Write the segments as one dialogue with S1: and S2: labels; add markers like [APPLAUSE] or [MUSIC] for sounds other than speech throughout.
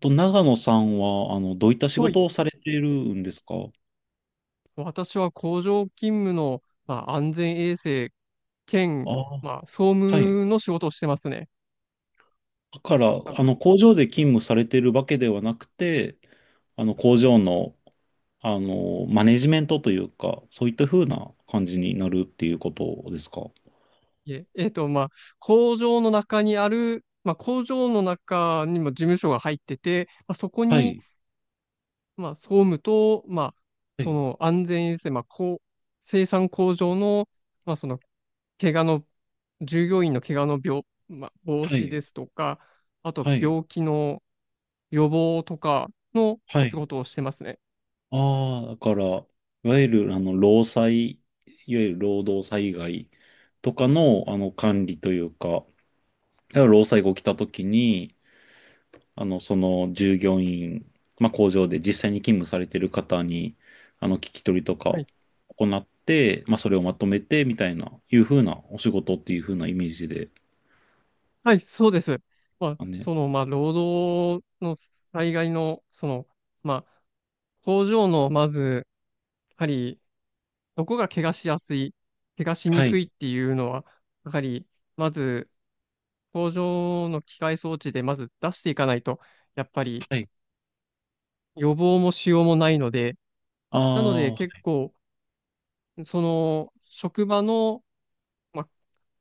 S1: と、長野さんは、どういった仕
S2: はい。
S1: 事をされているんですか？
S2: 私は工場勤務の、まあ、安全衛生
S1: あ
S2: 兼、
S1: あ、
S2: まあ、総
S1: はい。
S2: 務の仕事をしてますね。
S1: だから、
S2: なんか
S1: 工場で勤務されているわけではなくて、工場の、マネジメントというか、そういった風な感じになるっていうことですか？
S2: いえ、まあ、工場の中にある、まあ、工場の中にも事務所が入ってて、まあ、そこ
S1: は
S2: に、
S1: い、
S2: まあ、総務と、まあ、
S1: は
S2: そ
S1: い、
S2: の安全衛生、まあ、こう、生産工場の、まあ、その、怪我の、従業員の怪我のまあ、防
S1: は
S2: 止
S1: い、
S2: ですとか、あと
S1: はい、
S2: 病気の予防とかの
S1: は
S2: 仕
S1: い。
S2: 事をしてますね。
S1: ああ、だから、いわゆる、労災、いわゆる労働災害とかの、管理というか、だから労災が起きたときに、その従業員、まあ、工場で実際に勤務されてる方に、聞き取りとか
S2: は
S1: を
S2: い。
S1: 行って、まあ、それをまとめて、みたいな、いうふうなお仕事っていうふうなイメージで。
S2: はい、そうです。まあ、
S1: あね。
S2: その、まあ、労働の災害の、その、まあ、工場の、まず、やはり、どこが怪我しやすい、怪我しに
S1: は
S2: く
S1: い、
S2: いっていうのは、やはり、まず、工場の機械装置でまず出していかないと、やっぱり
S1: はい、
S2: 予防もしようもないので、なので
S1: あ
S2: 結
S1: あ、
S2: 構、その職場の、まあ、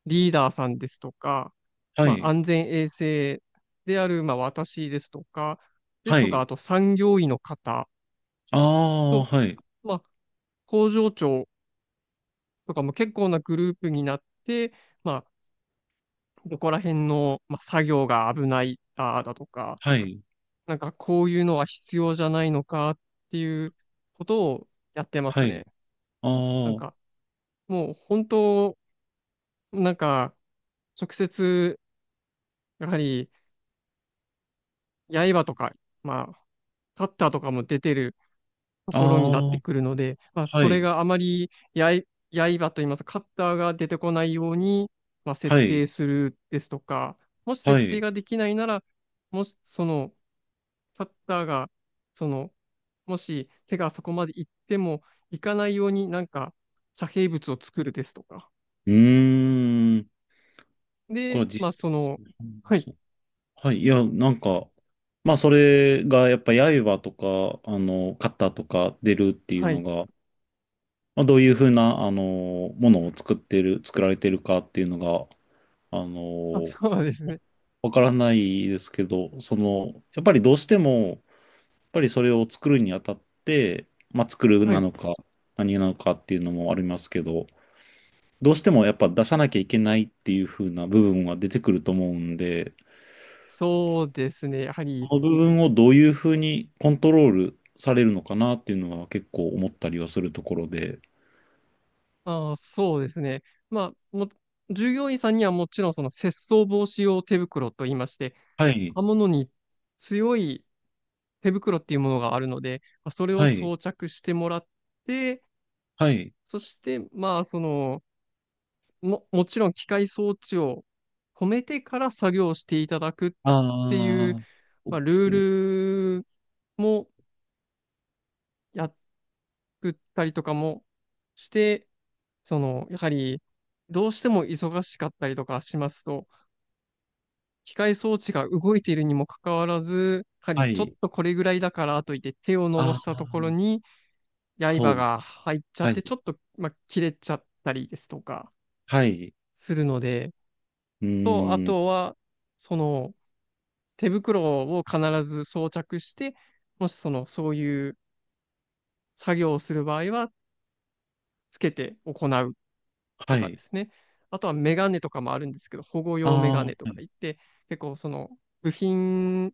S2: リーダーさんですとか、
S1: は
S2: まあ、
S1: い、
S2: 安全衛生である、まあ、私ですとか、で
S1: は
S2: すとか、
S1: い、
S2: あと産業医の方
S1: ああ、
S2: と、
S1: はい、
S2: まあ、工場長とかも結構なグループになって、まあ、ここら辺の、まあ、作業が危ないだとか、
S1: はい、
S2: なんかこういうのは必要じゃないのかっていうことをやってま
S1: は
S2: すね。
S1: い、
S2: なん
S1: あ
S2: かもう本当、なんか直接やはり刃とか、まあ、カッターとかも出てると
S1: あ、
S2: ころになっ
S1: あ
S2: てくるので、まあ、
S1: あ、は
S2: そ
S1: い。
S2: れがあまり刃といいますか、カッターが出てこないように、まあ、設
S1: はい、
S2: 定するですとか、もし
S1: は
S2: 設
S1: い。
S2: 定
S1: う
S2: ができないなら、もしそのカッターが、その、もし手がそこまで行っても行かないようになんか遮蔽物を作るですとか。
S1: ーん。これ
S2: で、
S1: は実、
S2: まあその、はい、
S1: そう。はい。いや、なんか、まあ、それが、やっぱ、刃とか、肩とか出るっていう
S2: は
S1: の
S2: い、
S1: が、まあ、どういうふうな、ものを作ってる、作られてるかっていうのが、あ
S2: あ、
S1: の、
S2: そうですね。
S1: わからないですけど、その、やっぱりどうしても、やっぱりそれを作るにあたって、まあ、作る
S2: は
S1: な
S2: い、
S1: のか、何なのかっていうのもありますけど、どうしてもやっぱ出さなきゃいけないっていう風な部分は出てくると思うんで、
S2: そうですね。やはり
S1: この部分をどういう風にコントロールされるのかなっていうのは結構思ったりはするところで。
S2: ああ、そうですね。まあ、従業員さんにはもちろんその窃盗防止用手袋と言いまして、
S1: はい、
S2: 刃物に強い手袋っていうものがあるので、まあ、それ
S1: は
S2: を
S1: い、
S2: 装着してもらって、
S1: はい。
S2: そして、まあ、その、もちろん機械装置を止めてから作業していただくってい
S1: あ
S2: う、
S1: あ、そう
S2: まあ、
S1: で
S2: ル
S1: す
S2: ー
S1: ね。
S2: ルもやったりとかもして、その、やはり、どうしても忙しかったりとかしますと、機械装置が動いているにもかかわらず、やは
S1: は
S2: りちょっ
S1: い。
S2: とこれぐらいだからといって手を伸ば
S1: あ
S2: したところ
S1: あ、
S2: に刃
S1: そうです。
S2: が入っちゃ
S1: は
S2: っ
S1: い、
S2: て、ちょっと、まあ、切れちゃったりですとか
S1: はい。
S2: するので、
S1: う
S2: と、あ
S1: ーん、
S2: とは、その手袋を必ず装着して、もしその、そういう作業をする場合は、つけて行うと
S1: は
S2: かで
S1: い。
S2: すね。あとはメガネとかもあるんですけど、保護
S1: あ
S2: 用メ
S1: あ、
S2: ガ
S1: は
S2: ネとか
S1: い。
S2: 言って、結構その部品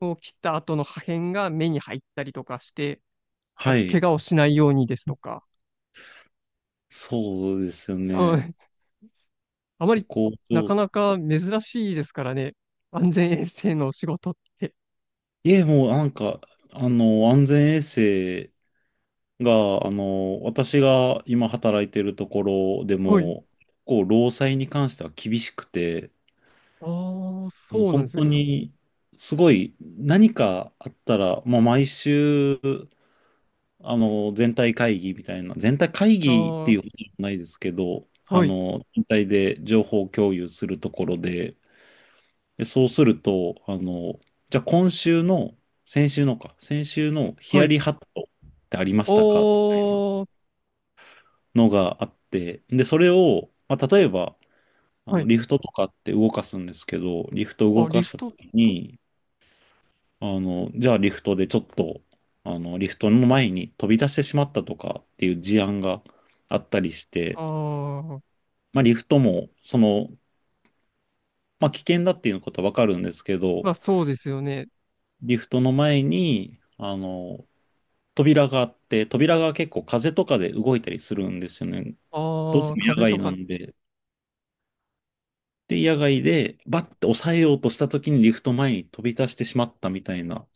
S2: こう切った後の破片が目に入ったりとかして、ま
S1: は
S2: あ、怪
S1: い。
S2: 我をしないようにですとか、
S1: そうですよ
S2: そ
S1: ね。
S2: う、あまり
S1: 工
S2: な
S1: 場
S2: か
S1: と
S2: なか
S1: か。
S2: 珍しいですからね、安全衛生の仕事って。
S1: いえ、もうなんか、安全衛生が、私が今働いてるところで
S2: はい。
S1: も、こう、労災に関しては厳しくて、
S2: ああ、
S1: あの
S2: そうなん
S1: 本
S2: です
S1: 当
S2: ね。
S1: に、すごい、何かあったら、まあ、毎週、全体会議みたいな、全体会
S2: あ
S1: 議っていう
S2: あ、
S1: ことじゃないですけど、
S2: はい、
S1: 全体で情報共有するところで、で、そうすると、じゃあ今週の、先週のか、先週のヒ
S2: は
S1: ヤ
S2: い。
S1: リハットってありましたか、
S2: おー、
S1: のがあって、で、それを、まあ、例えば、
S2: はい。
S1: リフトとかって動かすんですけど、リフトを
S2: あ、
S1: 動か
S2: リ
S1: し
S2: フ
S1: た
S2: ト、
S1: ときに、じゃあリフトでちょっと、リフトの前に飛び出してしまったとかっていう事案があったりして、
S2: ああ、
S1: まあ、リフトも、その、まあ、危険だっていうことはわかるんですけど、
S2: まあそうですよね。
S1: リフトの前に、扉があって、扉が結構風とかで動いたりするんですよね。どうし
S2: あ
S1: て
S2: あ、
S1: も野
S2: 風
S1: 外
S2: と
S1: な
S2: か、
S1: んで、で、野外でバッて抑えようとした時にリフト前に飛び出してしまったみたいな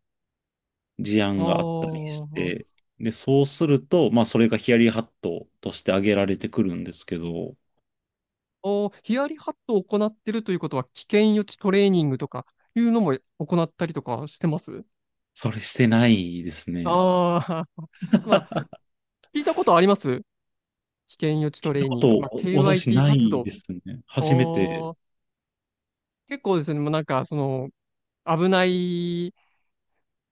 S1: 事
S2: あ
S1: 案があったりし
S2: あ、
S1: て、
S2: あ
S1: で、そうすると、まあそれがヒヤリハットとして挙げられてくるんですけど。
S2: あ、ヒヤリハットを行ってるということは、危険予知トレーニングとかいうのも行ったりとかしてます？
S1: それしてないですね。
S2: ああ、[LAUGHS] まあ、
S1: あ
S2: 聞いたことあります危険予知トレーニング。
S1: と、
S2: まあ、
S1: 私
S2: KYT
S1: な
S2: 活
S1: い
S2: 動。
S1: ですね。
S2: あ
S1: 初めて。
S2: あ、結構ですね、もうなんか、その、危ない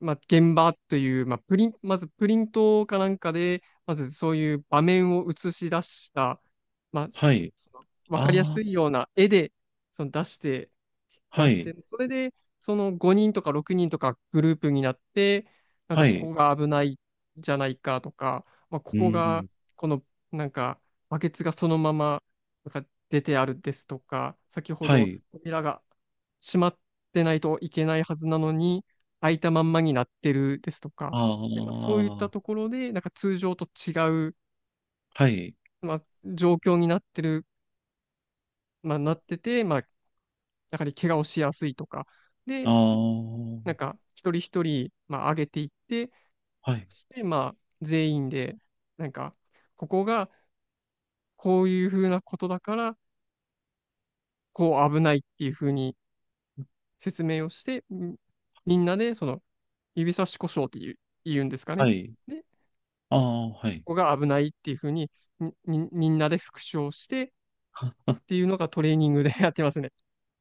S2: まあ、現場という、まあ、プリン、まずプリントかなんかで、まずそういう場面を映し出した、まあ、
S1: はい。
S2: そのわかりや
S1: ああ、
S2: すいような絵で、その出してま
S1: は
S2: あし
S1: い。
S2: て、それで、その5人とか6人とかグループになって、なん
S1: は
S2: かこ
S1: い。
S2: こが危ないじゃないかとか、まあ、こ
S1: う
S2: こが、
S1: ん。
S2: この、なんか、バケツがそのまま、なんか出てあるですとか、先ほ
S1: は
S2: ど
S1: い。
S2: 扉が閉まってないといけないはずなのに、空いたまんまになってるですとか、で、まあ、そういった
S1: ああ、
S2: ところで、なんか通常と違う、
S1: はい。
S2: まあ、状況になってる、まあ、なってて、まあ、やはり怪我をしやすいとか、
S1: ああ、
S2: で、な
S1: は
S2: んか一人一人、まあ、上げていって、
S1: い。
S2: そしてまあ、全員で、なんか、ここがこういうふうなことだから、こう危ないっていうふうに説明をして、みんなでその指差し故障っていう、言うんですか
S1: は
S2: ね。
S1: い。
S2: で、
S1: ああ、はい。
S2: こが危ないっていうふうに、みんなで復唱してっていうのがトレーニングで [LAUGHS] やってますね。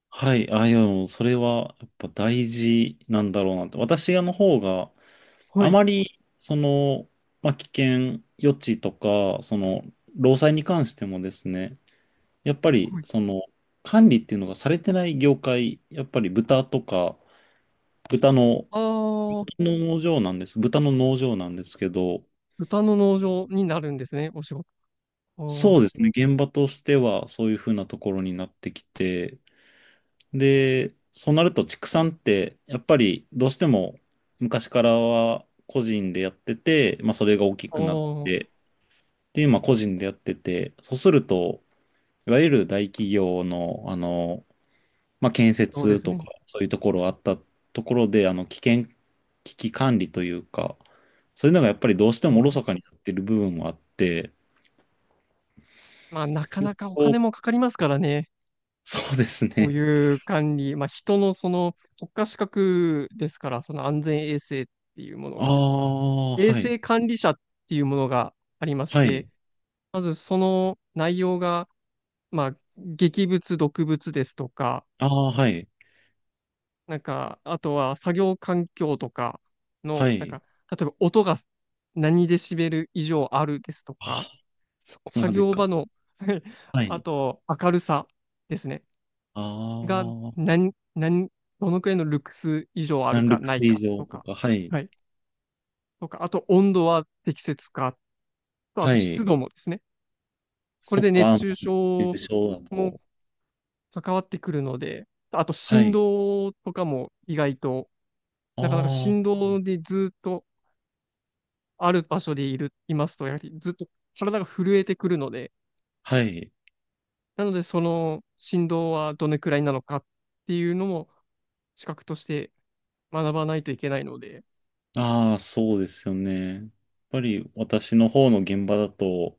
S1: はい。あ、いや、でもそれはやっぱ大事なんだろうなって。私の方が、
S2: は
S1: あ
S2: い。
S1: まり、その、まあ、危険予知とか、その、労災に関してもですね、やっぱ
S2: は
S1: り、
S2: い。
S1: その、管理っていうのがされてない業界、やっぱり豚とか、豚の
S2: ああ、
S1: 農場なんです。豚の農場なんですけど、
S2: 豚の農場になるんですね、お仕事。
S1: そう
S2: あ
S1: ですね、現場としてはそういうふうなところになってきて、で、そうなると畜産って、やっぱりどうしても昔からは個人でやってて、まあそれが大き
S2: あ、あ
S1: くなって、
S2: あ、
S1: っていう、まあ個人でやってて、そうすると、いわゆる大企業の、まあ建
S2: そうで
S1: 設
S2: す
S1: とか、
S2: ね。
S1: そういうところあったところで、危険、危機管理というか、そういうのがやっぱりどうしてもおろ
S2: そう。
S1: そかになってる部分もあって、
S2: まあ、なか
S1: で、
S2: なかお
S1: そう
S2: 金もかかりますからね。
S1: そうです
S2: こう
S1: ね。
S2: いう管理、まあ、人のその国家資格ですから、その安全衛生っていうもの
S1: あ
S2: が、
S1: あ、
S2: 衛
S1: はい。
S2: 生管理者っていうものがありまし
S1: はい。
S2: て、まずその内容が、まあ、劇物、毒物ですとか、
S1: ああ、はい。
S2: なんか、あとは作業環境とか
S1: は
S2: の、なん
S1: い。
S2: か、例えば音が何デシベル以上あるですと
S1: あ、
S2: か、
S1: そこま
S2: 作
S1: で
S2: 業
S1: か。
S2: 場のはい [LAUGHS]
S1: は
S2: あ
S1: い。
S2: と明るさですね、
S1: あ
S2: が
S1: あ、
S2: 何、何、どのくらいのルクス以上あ
S1: サ
S2: る
S1: ンル
S2: か
S1: ク
S2: ない
S1: ス以
S2: か
S1: 上
S2: と
S1: と
S2: か、
S1: か、はい。
S2: はい、とか、あと温度は適切かと、あ
S1: は
S2: と湿
S1: い。
S2: 度もですね、こ
S1: そ
S2: れ
S1: っ
S2: で
S1: か、
S2: 熱中
S1: 優
S2: 症
S1: 勝だ
S2: も
S1: と。
S2: 関わってくるので、あと
S1: は
S2: 振
S1: い。
S2: 動とかも意外と、
S1: あ
S2: なかなか
S1: あ、
S2: 振動でずっと、ある場所でいますと、やはりずっと体が震えてくるので、
S1: はい。
S2: なので、その振動はどのくらいなのかっていうのも、資格として学ばないといけないので、
S1: ああ、そうですよね。やっぱり私の方の現場だと、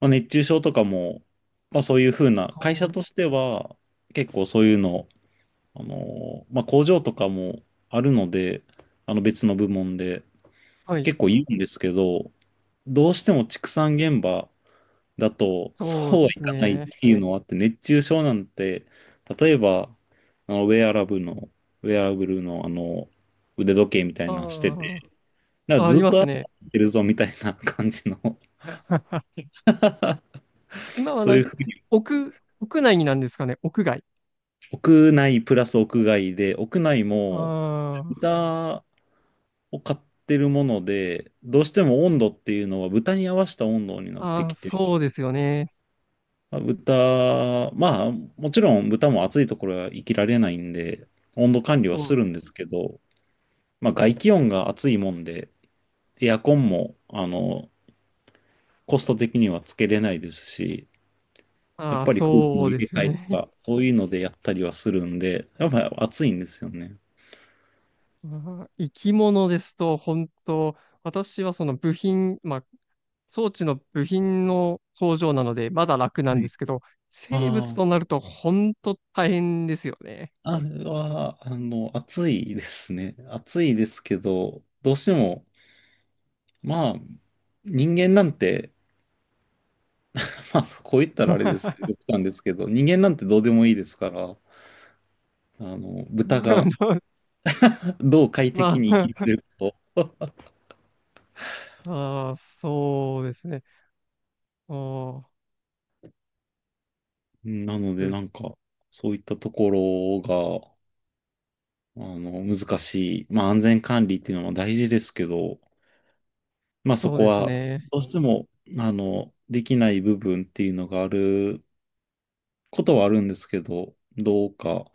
S1: まあ、熱中症とかも、まあそういうふうな、会社
S2: そう、
S1: としては結構そういうの、まあ工場とかもあるので、あの別の部門で
S2: はい、
S1: 結構言うんですけど、どうしても畜産現場だと、そ
S2: そう
S1: うは
S2: で
S1: い
S2: す
S1: かないっ
S2: ね。
S1: ていうのはあって、熱中症なんて、例えば、あの、ウェアラブルの、ウェアラブルの、腕時計みたいなのしてて、
S2: あ
S1: だから
S2: あ、あ
S1: ずっ
S2: ります
S1: と歩
S2: ね。
S1: いてるぞみたいな感じの、
S2: 今は
S1: そう
S2: な
S1: いう
S2: ん
S1: ふうに、
S2: 屋屋内になんですかね、屋外。
S1: 屋内プラス屋外で、屋内も
S2: あ
S1: 豚を飼ってるもので、どうしても温度っていうのは豚に合わせた温度になっ
S2: あ、
S1: て
S2: ああ、
S1: きて、
S2: そうですよね。
S1: まあ、豚、まあ、もちろん豚も暑いところは生きられないんで、温度管理は
S2: そ
S1: す
S2: う、
S1: るんですけど、まあ、外気温が暑いもんで、エアコンも、コスト的にはつけれないですし、やっ
S2: ああ、
S1: ぱり空気の
S2: そう
S1: 入
S2: で
S1: れ
S2: すよ
S1: 替えと
S2: ね。
S1: か、そういうのでやったりはするんで、やっぱり暑いんですよね。
S2: まあー生き物ですと、本当、私はその部品、まあ、装置の部品の工場なので、まだ楽な
S1: は
S2: んで
S1: い。
S2: すけど、生物
S1: あ
S2: となると本当大変ですよね。
S1: あ、あれは、暑いですね。暑いですけど、どうしても、まあ、人間なんて、[LAUGHS] まあ、こう言ったらあれですけど、極端ですけど、人間なんてどうでもいいですから、豚が
S2: [LAUGHS]
S1: [LAUGHS] どう快適
S2: ま
S1: に生き
S2: あ、
S1: れるか。
S2: あー、そうですね。あー
S1: うん、なので、
S2: う
S1: なんか、そういったところが、難しい。まあ、安全管理っていうのも大事ですけど、まあ、そ
S2: そう
S1: こ
S2: です
S1: は、
S2: ね。
S1: どうしても、できない部分っていうのがあることはあるんですけど、どうか、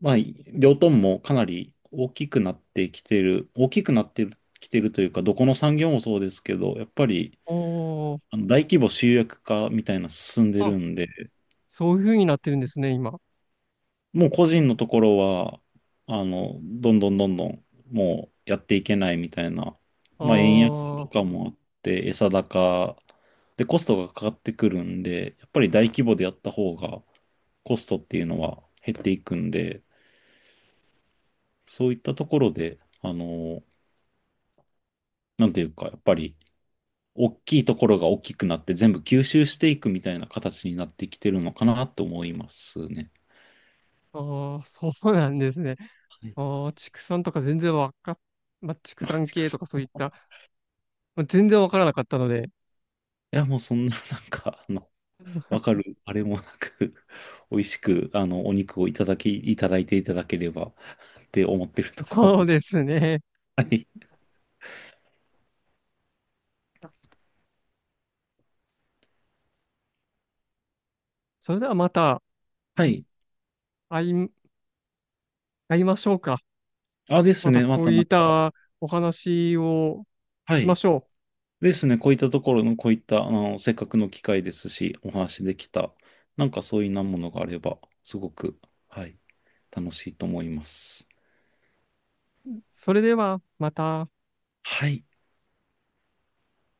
S1: まあ、両トンもかなり大きくなってきてる、大きくなってきてるというか、どこの産業もそうですけど、やっぱり、
S2: おー、
S1: あの大規模集約化みたいなの進んでる
S2: あ、
S1: んで、
S2: そういう風になってるんですね、今。
S1: もう個人のところは、どんどんどんどん、もうやっていけないみたいな、
S2: あ
S1: まあ、円安と
S2: ー、
S1: かもあって、餌高でコストがかかってくるんで、やっぱり大規模でやった方がコストっていうのは減っていくんで、そういったところで、なんていうか、やっぱり大きいところが大きくなって全部吸収していくみたいな形になってきてるのかなと思いますね。
S2: あー、そうなんですね。
S1: はい。
S2: あー、畜産とか全然わかっ、まあ、畜
S1: マ
S2: 産
S1: ジか
S2: 系
S1: そ
S2: とかそういっ
S1: う。
S2: た全然わからなかったので、
S1: [LAUGHS] いや、もうそんな、なんか、わかる、あれもなく [LAUGHS] 美味しく、お肉をいただいていただければ [LAUGHS] って思ってる
S2: [LAUGHS]
S1: とこ
S2: そ
S1: ろで
S2: う
S1: す。
S2: ですね。
S1: はい。
S2: それではまた
S1: はい。
S2: 会い、会いましょうか。
S1: あ、です
S2: また
S1: ね。ま
S2: こ
S1: た
S2: う
S1: な
S2: い
S1: ん
S2: っ
S1: か、
S2: たお話を
S1: は
S2: しま
S1: い。
S2: しょ
S1: ですね。こういったところの、こういった、せっかくの機会ですし、お話できた、なんかそういうなものがあれば、すごく、はい、楽しいと思います。
S2: う。それではまた。
S1: はい。